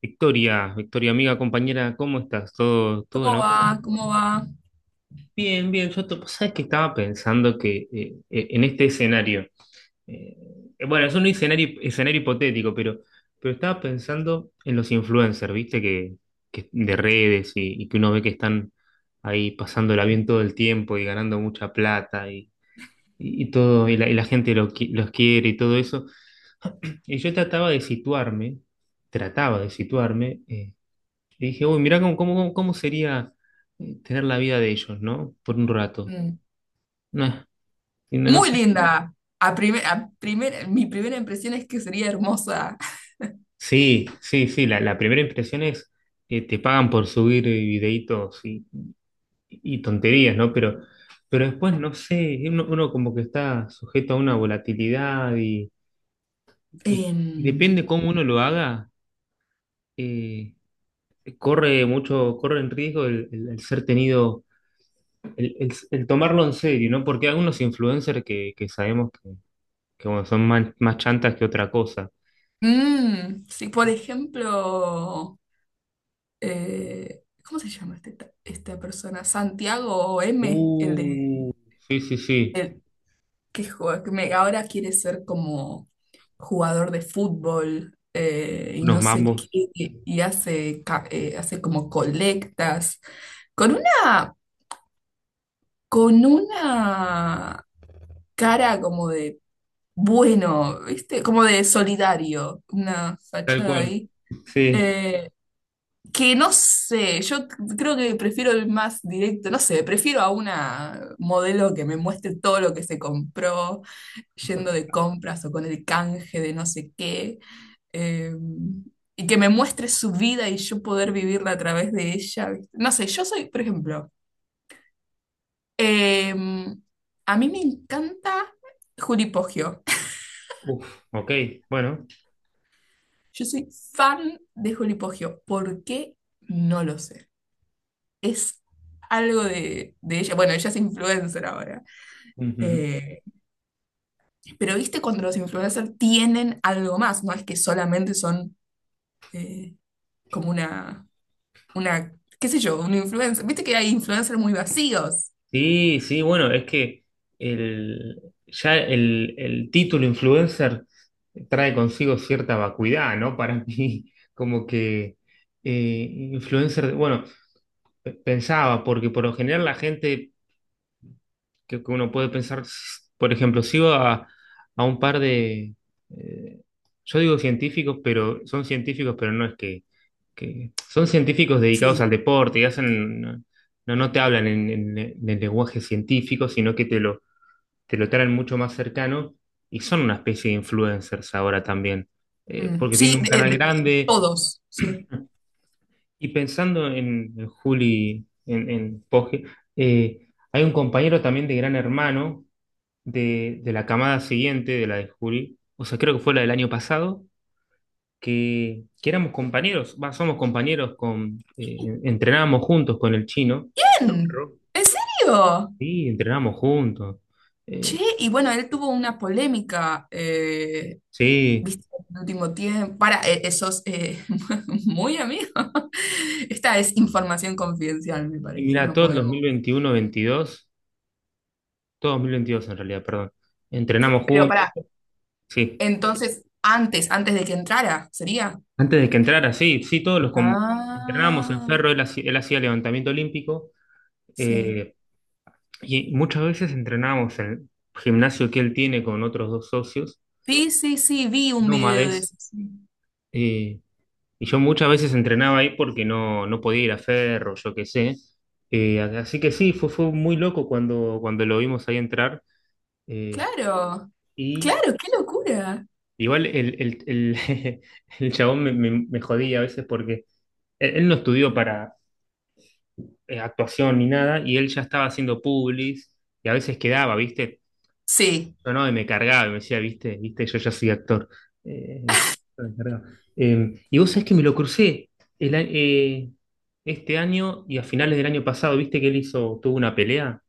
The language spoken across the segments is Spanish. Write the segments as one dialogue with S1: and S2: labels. S1: Victoria, Victoria, amiga, compañera, ¿cómo estás? ¿Todo en
S2: ¿Cómo
S1: orden?
S2: va? ¿Cómo va?
S1: Bien, bien, yo te, sabes que estaba pensando que en este escenario, eh, bueno, es un escenario hipotético, pero estaba pensando en los influencers, ¿viste? Que de redes y que uno ve que están ahí pasándola bien todo el tiempo y ganando mucha plata y todo, y la gente los quiere y todo eso. Y yo trataba de situarme, trataba de situarme. Y dije, uy, mirá cómo sería tener la vida de ellos, ¿no? Por un rato.
S2: Mm.
S1: No, y no, no
S2: Muy
S1: sé.
S2: linda. A prime- a primer- mi primera impresión es que sería hermosa.
S1: Sí, sí, sí, la primera impresión es que te pagan por subir videitos y tonterías, ¿no? Pero después, no sé, uno, uno como que está sujeto a una volatilidad y, y- y
S2: Em,
S1: depende cómo uno lo haga, eh, corre mucho, corre en riesgo el, el ser tenido, el, el tomarlo en serio, ¿no? Porque hay algunos influencers que sabemos que bueno, son más, más chantas que otra cosa.
S2: sí, por ejemplo, ¿cómo se llama esta persona? Santiago M, el de
S1: Uh, sí, sí, sí,
S2: el que juega- que me- ahora quiere ser como jugador de fútbol y
S1: unos
S2: no sé
S1: mambos,
S2: qué, y hace, hace como colectas. Con una, con una cara como de bueno, ¿viste? Como de solidario, una
S1: tal
S2: fachada
S1: cual.
S2: ahí.
S1: Sí,
S2: Eh, que no sé, yo creo que prefiero el más directo, no sé, prefiero a una modelo que me muestre todo lo que se compró, yendo de compras o con el canje de no sé qué, eh, y que me muestre su vida y yo poder vivirla a través de ella. ¿Viste? No sé, yo soy, por ejemplo, eh, a mí me encanta Juli Poggio.
S1: uf, ok, bueno.
S2: Yo soy fan de Juli Poggio. ¿Por qué? No lo sé. Es algo de ella. Bueno, ella es influencer ahora.
S1: Ujú.
S2: Eh, pero viste cuando los influencers tienen algo más, no es que solamente son eh, como una, qué sé yo, un influencer. Viste que hay influencers muy vacíos.
S1: Sí, sí, bueno, es que el, ya el título influencer trae consigo cierta vacuidad, ¿no? Para mí, como que eh, influencer, bueno, pensaba, porque por lo general la gente que uno puede pensar, por ejemplo, sigo a un par de, eh, yo digo científicos, pero son científicos, pero no es que, son científicos dedicados
S2: Sí.
S1: al deporte y hacen, no, no te hablan en, en el lenguaje científico, sino que te lo traen mucho más cercano y son una especie de influencers ahora también,
S2: Mm,
S1: porque
S2: sí,
S1: tienen un canal grande
S2: todos, sí.
S1: y pensando en Juli, en Poge, hay un compañero también de Gran Hermano de la camada siguiente, de la de Juli, o sea, creo que fue la del año pasado, que éramos compañeros, va, somos compañeros, con, entrenábamos juntos con el chino,
S2: Ven,
S1: Ro-
S2: ¿en serio?
S1: sí, entrenábamos juntos,
S2: Che,
S1: eh,
S2: y bueno, él tuvo una polémica
S1: sí,
S2: viste, el último tiempo. Para, esos muy amigos. Esta es información confidencial, me
S1: y
S2: parece,
S1: mira,
S2: no
S1: todo el dos mil
S2: podemos.
S1: veintiuno 22 todo 2022 en realidad, perdón, entrenamos
S2: Pero
S1: juntos,
S2: para,
S1: sí,
S2: entonces, antes de que entrara, ¿sería?
S1: antes de que entrara, sí, sí, entrenábamos en
S2: Ah,
S1: Ferro, él hacía levantamiento olímpico,
S2: sí.
S1: eh, Y muchas veces entrenábamos en el gimnasio que él tiene con otros dos socios,
S2: Sí, sí, sí, vi un video de
S1: nómades,
S2: eso. Sí.
S1: eh, y yo muchas veces entrenaba ahí porque no, no podía ir a Ferro, yo qué sé. Así que sí, fue, fue muy loco cuando, cuando lo vimos ahí entrar. eh,
S2: Claro,
S1: y
S2: claro, qué locura.
S1: igual el, el chabón me, me jodía a veces porque él no estudió para actuación ni nada, y él ya estaba haciendo publis, y a veces quedaba, ¿viste?
S2: Sí,
S1: Yo no, y me cargaba, y me decía, viste, viste, yo ya soy actor. Dijo, me cargaba. Y vos sabés que me lo crucé el, este año y a finales del año pasado, viste que él hizo, tuvo una pelea,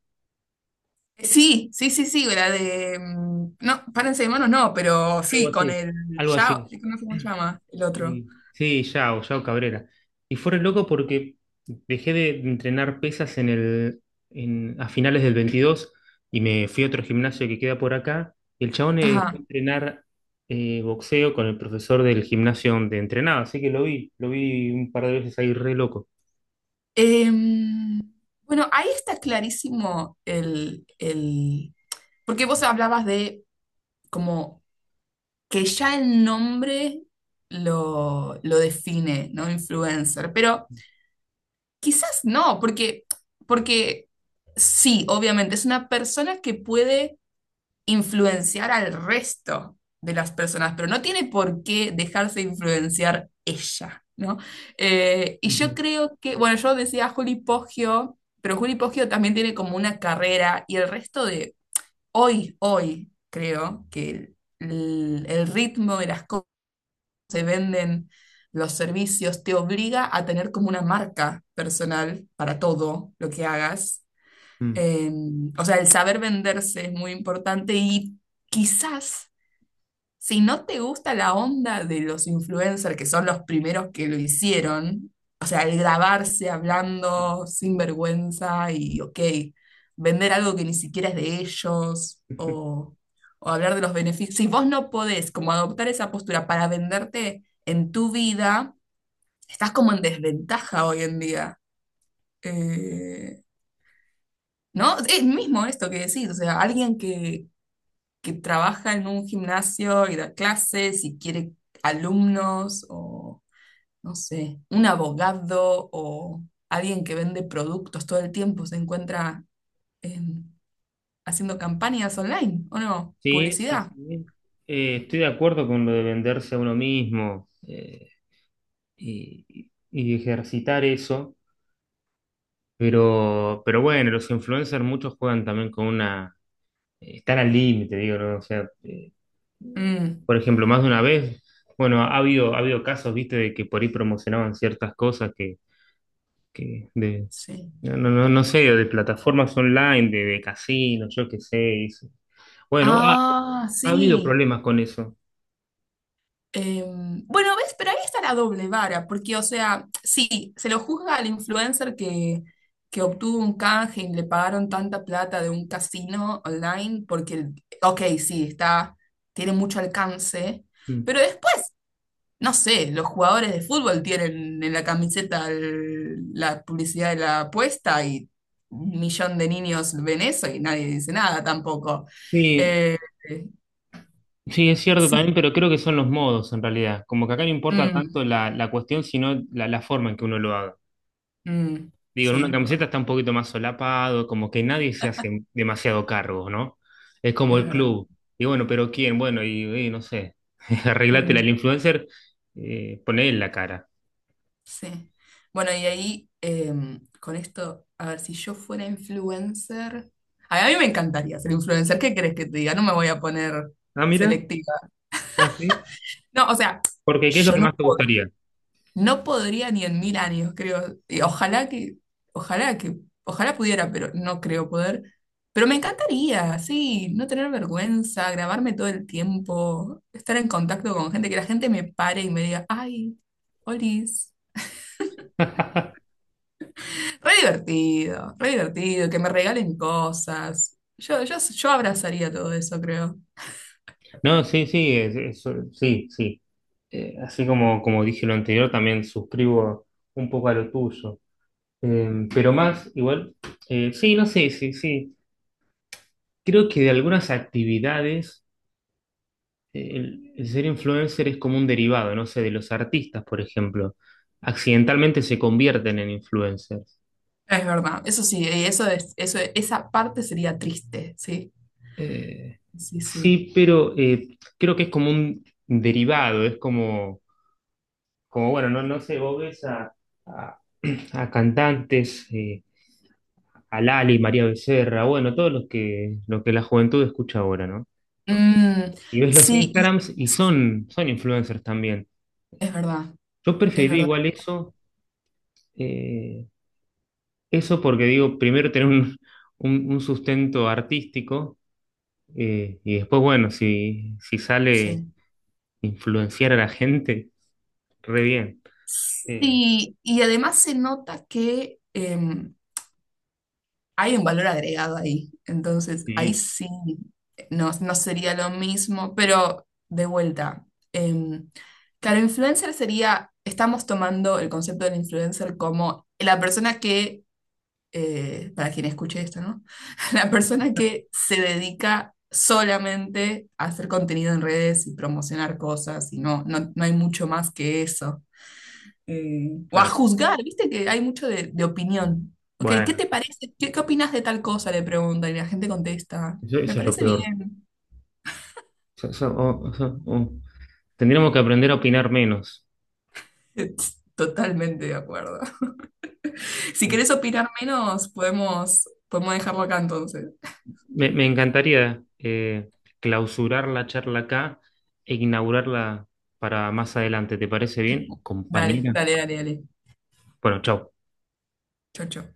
S2: sí, la de... mm, no, párense de manos, no, pero
S1: algo
S2: sí, con
S1: así,
S2: el...
S1: algo
S2: Ya,
S1: así.
S2: no sé cómo se llama, el otro.
S1: Sí, Yao, Yao Cabrera. Y fue re loco porque dejé de entrenar pesas en el, a finales del 22 y me fui a otro gimnasio que queda por acá. Y el chabón fue a
S2: Ajá.
S1: entrenar boxeo con el profesor del gimnasio donde entrenaba, así que lo vi un par de veces ahí re loco.
S2: Em, bueno, ahí está clarísimo porque vos hablabas de como que ya el nombre lo define, ¿no? Influencer, pero quizás no, porque sí, obviamente, es una persona que puede influenciar al resto de las personas, pero no tiene por qué dejarse influenciar ella, ¿no? Y yo
S1: Ujú.
S2: creo que, bueno, yo decía Juli Poggio, pero Juli Poggio también tiene como una carrera y el resto de hoy, creo que el ritmo de las cosas se venden, los servicios, te obliga a tener como una marca personal para todo lo que hagas.
S1: Mm.
S2: Eh, o sea, el saber venderse es muy importante y quizás si no te gusta la onda de los influencers, que son los primeros que lo hicieron, o sea, el grabarse hablando sin vergüenza y, ok, vender algo que ni siquiera es de ellos o hablar de los beneficios, si vos no podés como adoptar esa postura para venderte en tu vida, estás como en desventaja hoy en día. Eh, ¿No? Es mismo esto que decís, o sea, que trabaja en un gimnasio y da clases y quiere alumnos o, no sé, un abogado o alguien que vende productos todo el tiempo se encuentra em, haciendo campañas online, ¿o no?
S1: Sí, sí,
S2: Publicidad.
S1: sí. Estoy de acuerdo con lo de venderse a uno mismo y, y ejercitar eso. Pero bueno, los influencers muchos juegan también con una... Están al límite, digo, ¿no? O sea,
S2: Mm,
S1: por ejemplo, más de una vez, bueno, ha habido casos, viste, de que por ahí promocionaban ciertas cosas que de,
S2: sí.
S1: no, no, no sé, de plataformas online, de casinos, yo qué sé. Eso. Bueno, ha,
S2: Ah,
S1: ha habido
S2: sí.
S1: problemas con eso.
S2: Bueno, ves, pero ahí está la doble vara, porque, o sea, sí, se lo juzga al influencer que obtuvo un canje y le pagaron tanta plata de un casino online, porque, ok, sí, está, tiene mucho alcance,
S1: Mm.
S2: pero después, no sé, los jugadores de fútbol tienen en la camiseta el- la publicidad de la apuesta y un millón de niños ven eso y nadie dice nada tampoco.
S1: Sí,
S2: Eh,
S1: sí, es cierto
S2: sí,
S1: también, pero creo que son los modos en realidad. Como que acá no importa
S2: mm,
S1: tanto la, la cuestión, sino la, la forma en que uno lo haga.
S2: mm,
S1: Digo, en
S2: sí,
S1: una
S2: es
S1: camiseta
S2: verdad,
S1: está un poquito más solapado, como que nadie se hace demasiado cargo, ¿no? Es como
S2: es
S1: el
S2: verdad.
S1: club. Y bueno, pero ¿quién? Bueno, y no sé, arreglátela.
S2: Mm,
S1: El influencer, poné en la cara.
S2: sí. Bueno, y ahí con esto, a ver, si yo fuera influencer, a mí me encantaría ser influencer, ¿qué crees que te diga? No me voy a poner
S1: Ah, mira,
S2: selectiva.
S1: ah, sí.
S2: No, o sea,
S1: Porque ¿qué es lo
S2: yo
S1: que
S2: no
S1: más te
S2: puedo,
S1: gustaría?
S2: no podría ni en mil años, creo. Y ojalá que, ojalá pudiera, pero no creo poder. Pero me encantaría, sí, no tener vergüenza, grabarme todo el tiempo, estar en contacto con gente, que la gente me pare y me diga, ay, Olis. Re divertido, que me regalen cosas. Yo abrazaría todo eso, creo.
S1: No, sí, sí, es- sí, sí. Así como, como dije lo anterior, también suscribo un poco a lo tuyo. Pero más, igual, sí, no sé, sí, sí. Creo que de algunas actividades el ser influencer es como un derivado, no sé, de los artistas, por ejemplo. Accidentalmente se convierten en influencers.
S2: Es verdad, eso sí, y eso es, eso, esa parte sería triste, sí,
S1: Eh,
S2: sí, sí.
S1: sí, pero creo que es como un derivado, es como, como bueno, no, no sé, vos ves a, a- a cantantes, a Lali, María Becerra, bueno, todos los que, lo que la juventud escucha ahora, ¿no?
S2: Mm,
S1: Y ves los
S2: sí, y-
S1: Instagrams y son, son influencers también.
S2: es verdad,
S1: Yo
S2: es
S1: preferiría
S2: verdad,
S1: igual eso. eh, Eso porque digo, primero tener un, un sustento artístico y después, bueno, si, si sale
S2: sí.
S1: influenciar a la gente, re bien. Eh,
S2: Sí, y además se nota que, hay un valor agregado ahí. Entonces, ahí
S1: sí,
S2: sí, no sería lo mismo, pero de vuelta. em, claro, influencer sería, estamos tomando el concepto del influencer como la persona que, para quien escuche esto, ¿no? La persona que se dedica solamente a hacer contenido en redes y promocionar cosas y no, no hay mucho más que eso o a
S1: claro.
S2: juzgar, viste que hay mucho de opinión. Ok, ¿qué
S1: Bueno,
S2: te parece? ¿Qué, qué opinas de tal cosa? Le pregunta y la gente contesta.
S1: eso,
S2: Me
S1: eso es lo
S2: parece
S1: peor.
S2: bien.
S1: Eso- eso- o- eso- o- tendríamos que aprender a opinar menos.
S2: Totalmente de acuerdo. Si querés opinar menos, podemos, podemos dejarlo acá entonces.
S1: Me encantaría clausurar la charla acá e inaugurarla para más adelante. ¿Te parece bien,
S2: Dale,
S1: compañera?
S2: dale, dale, dale.
S1: Bueno, chao.
S2: Chocho.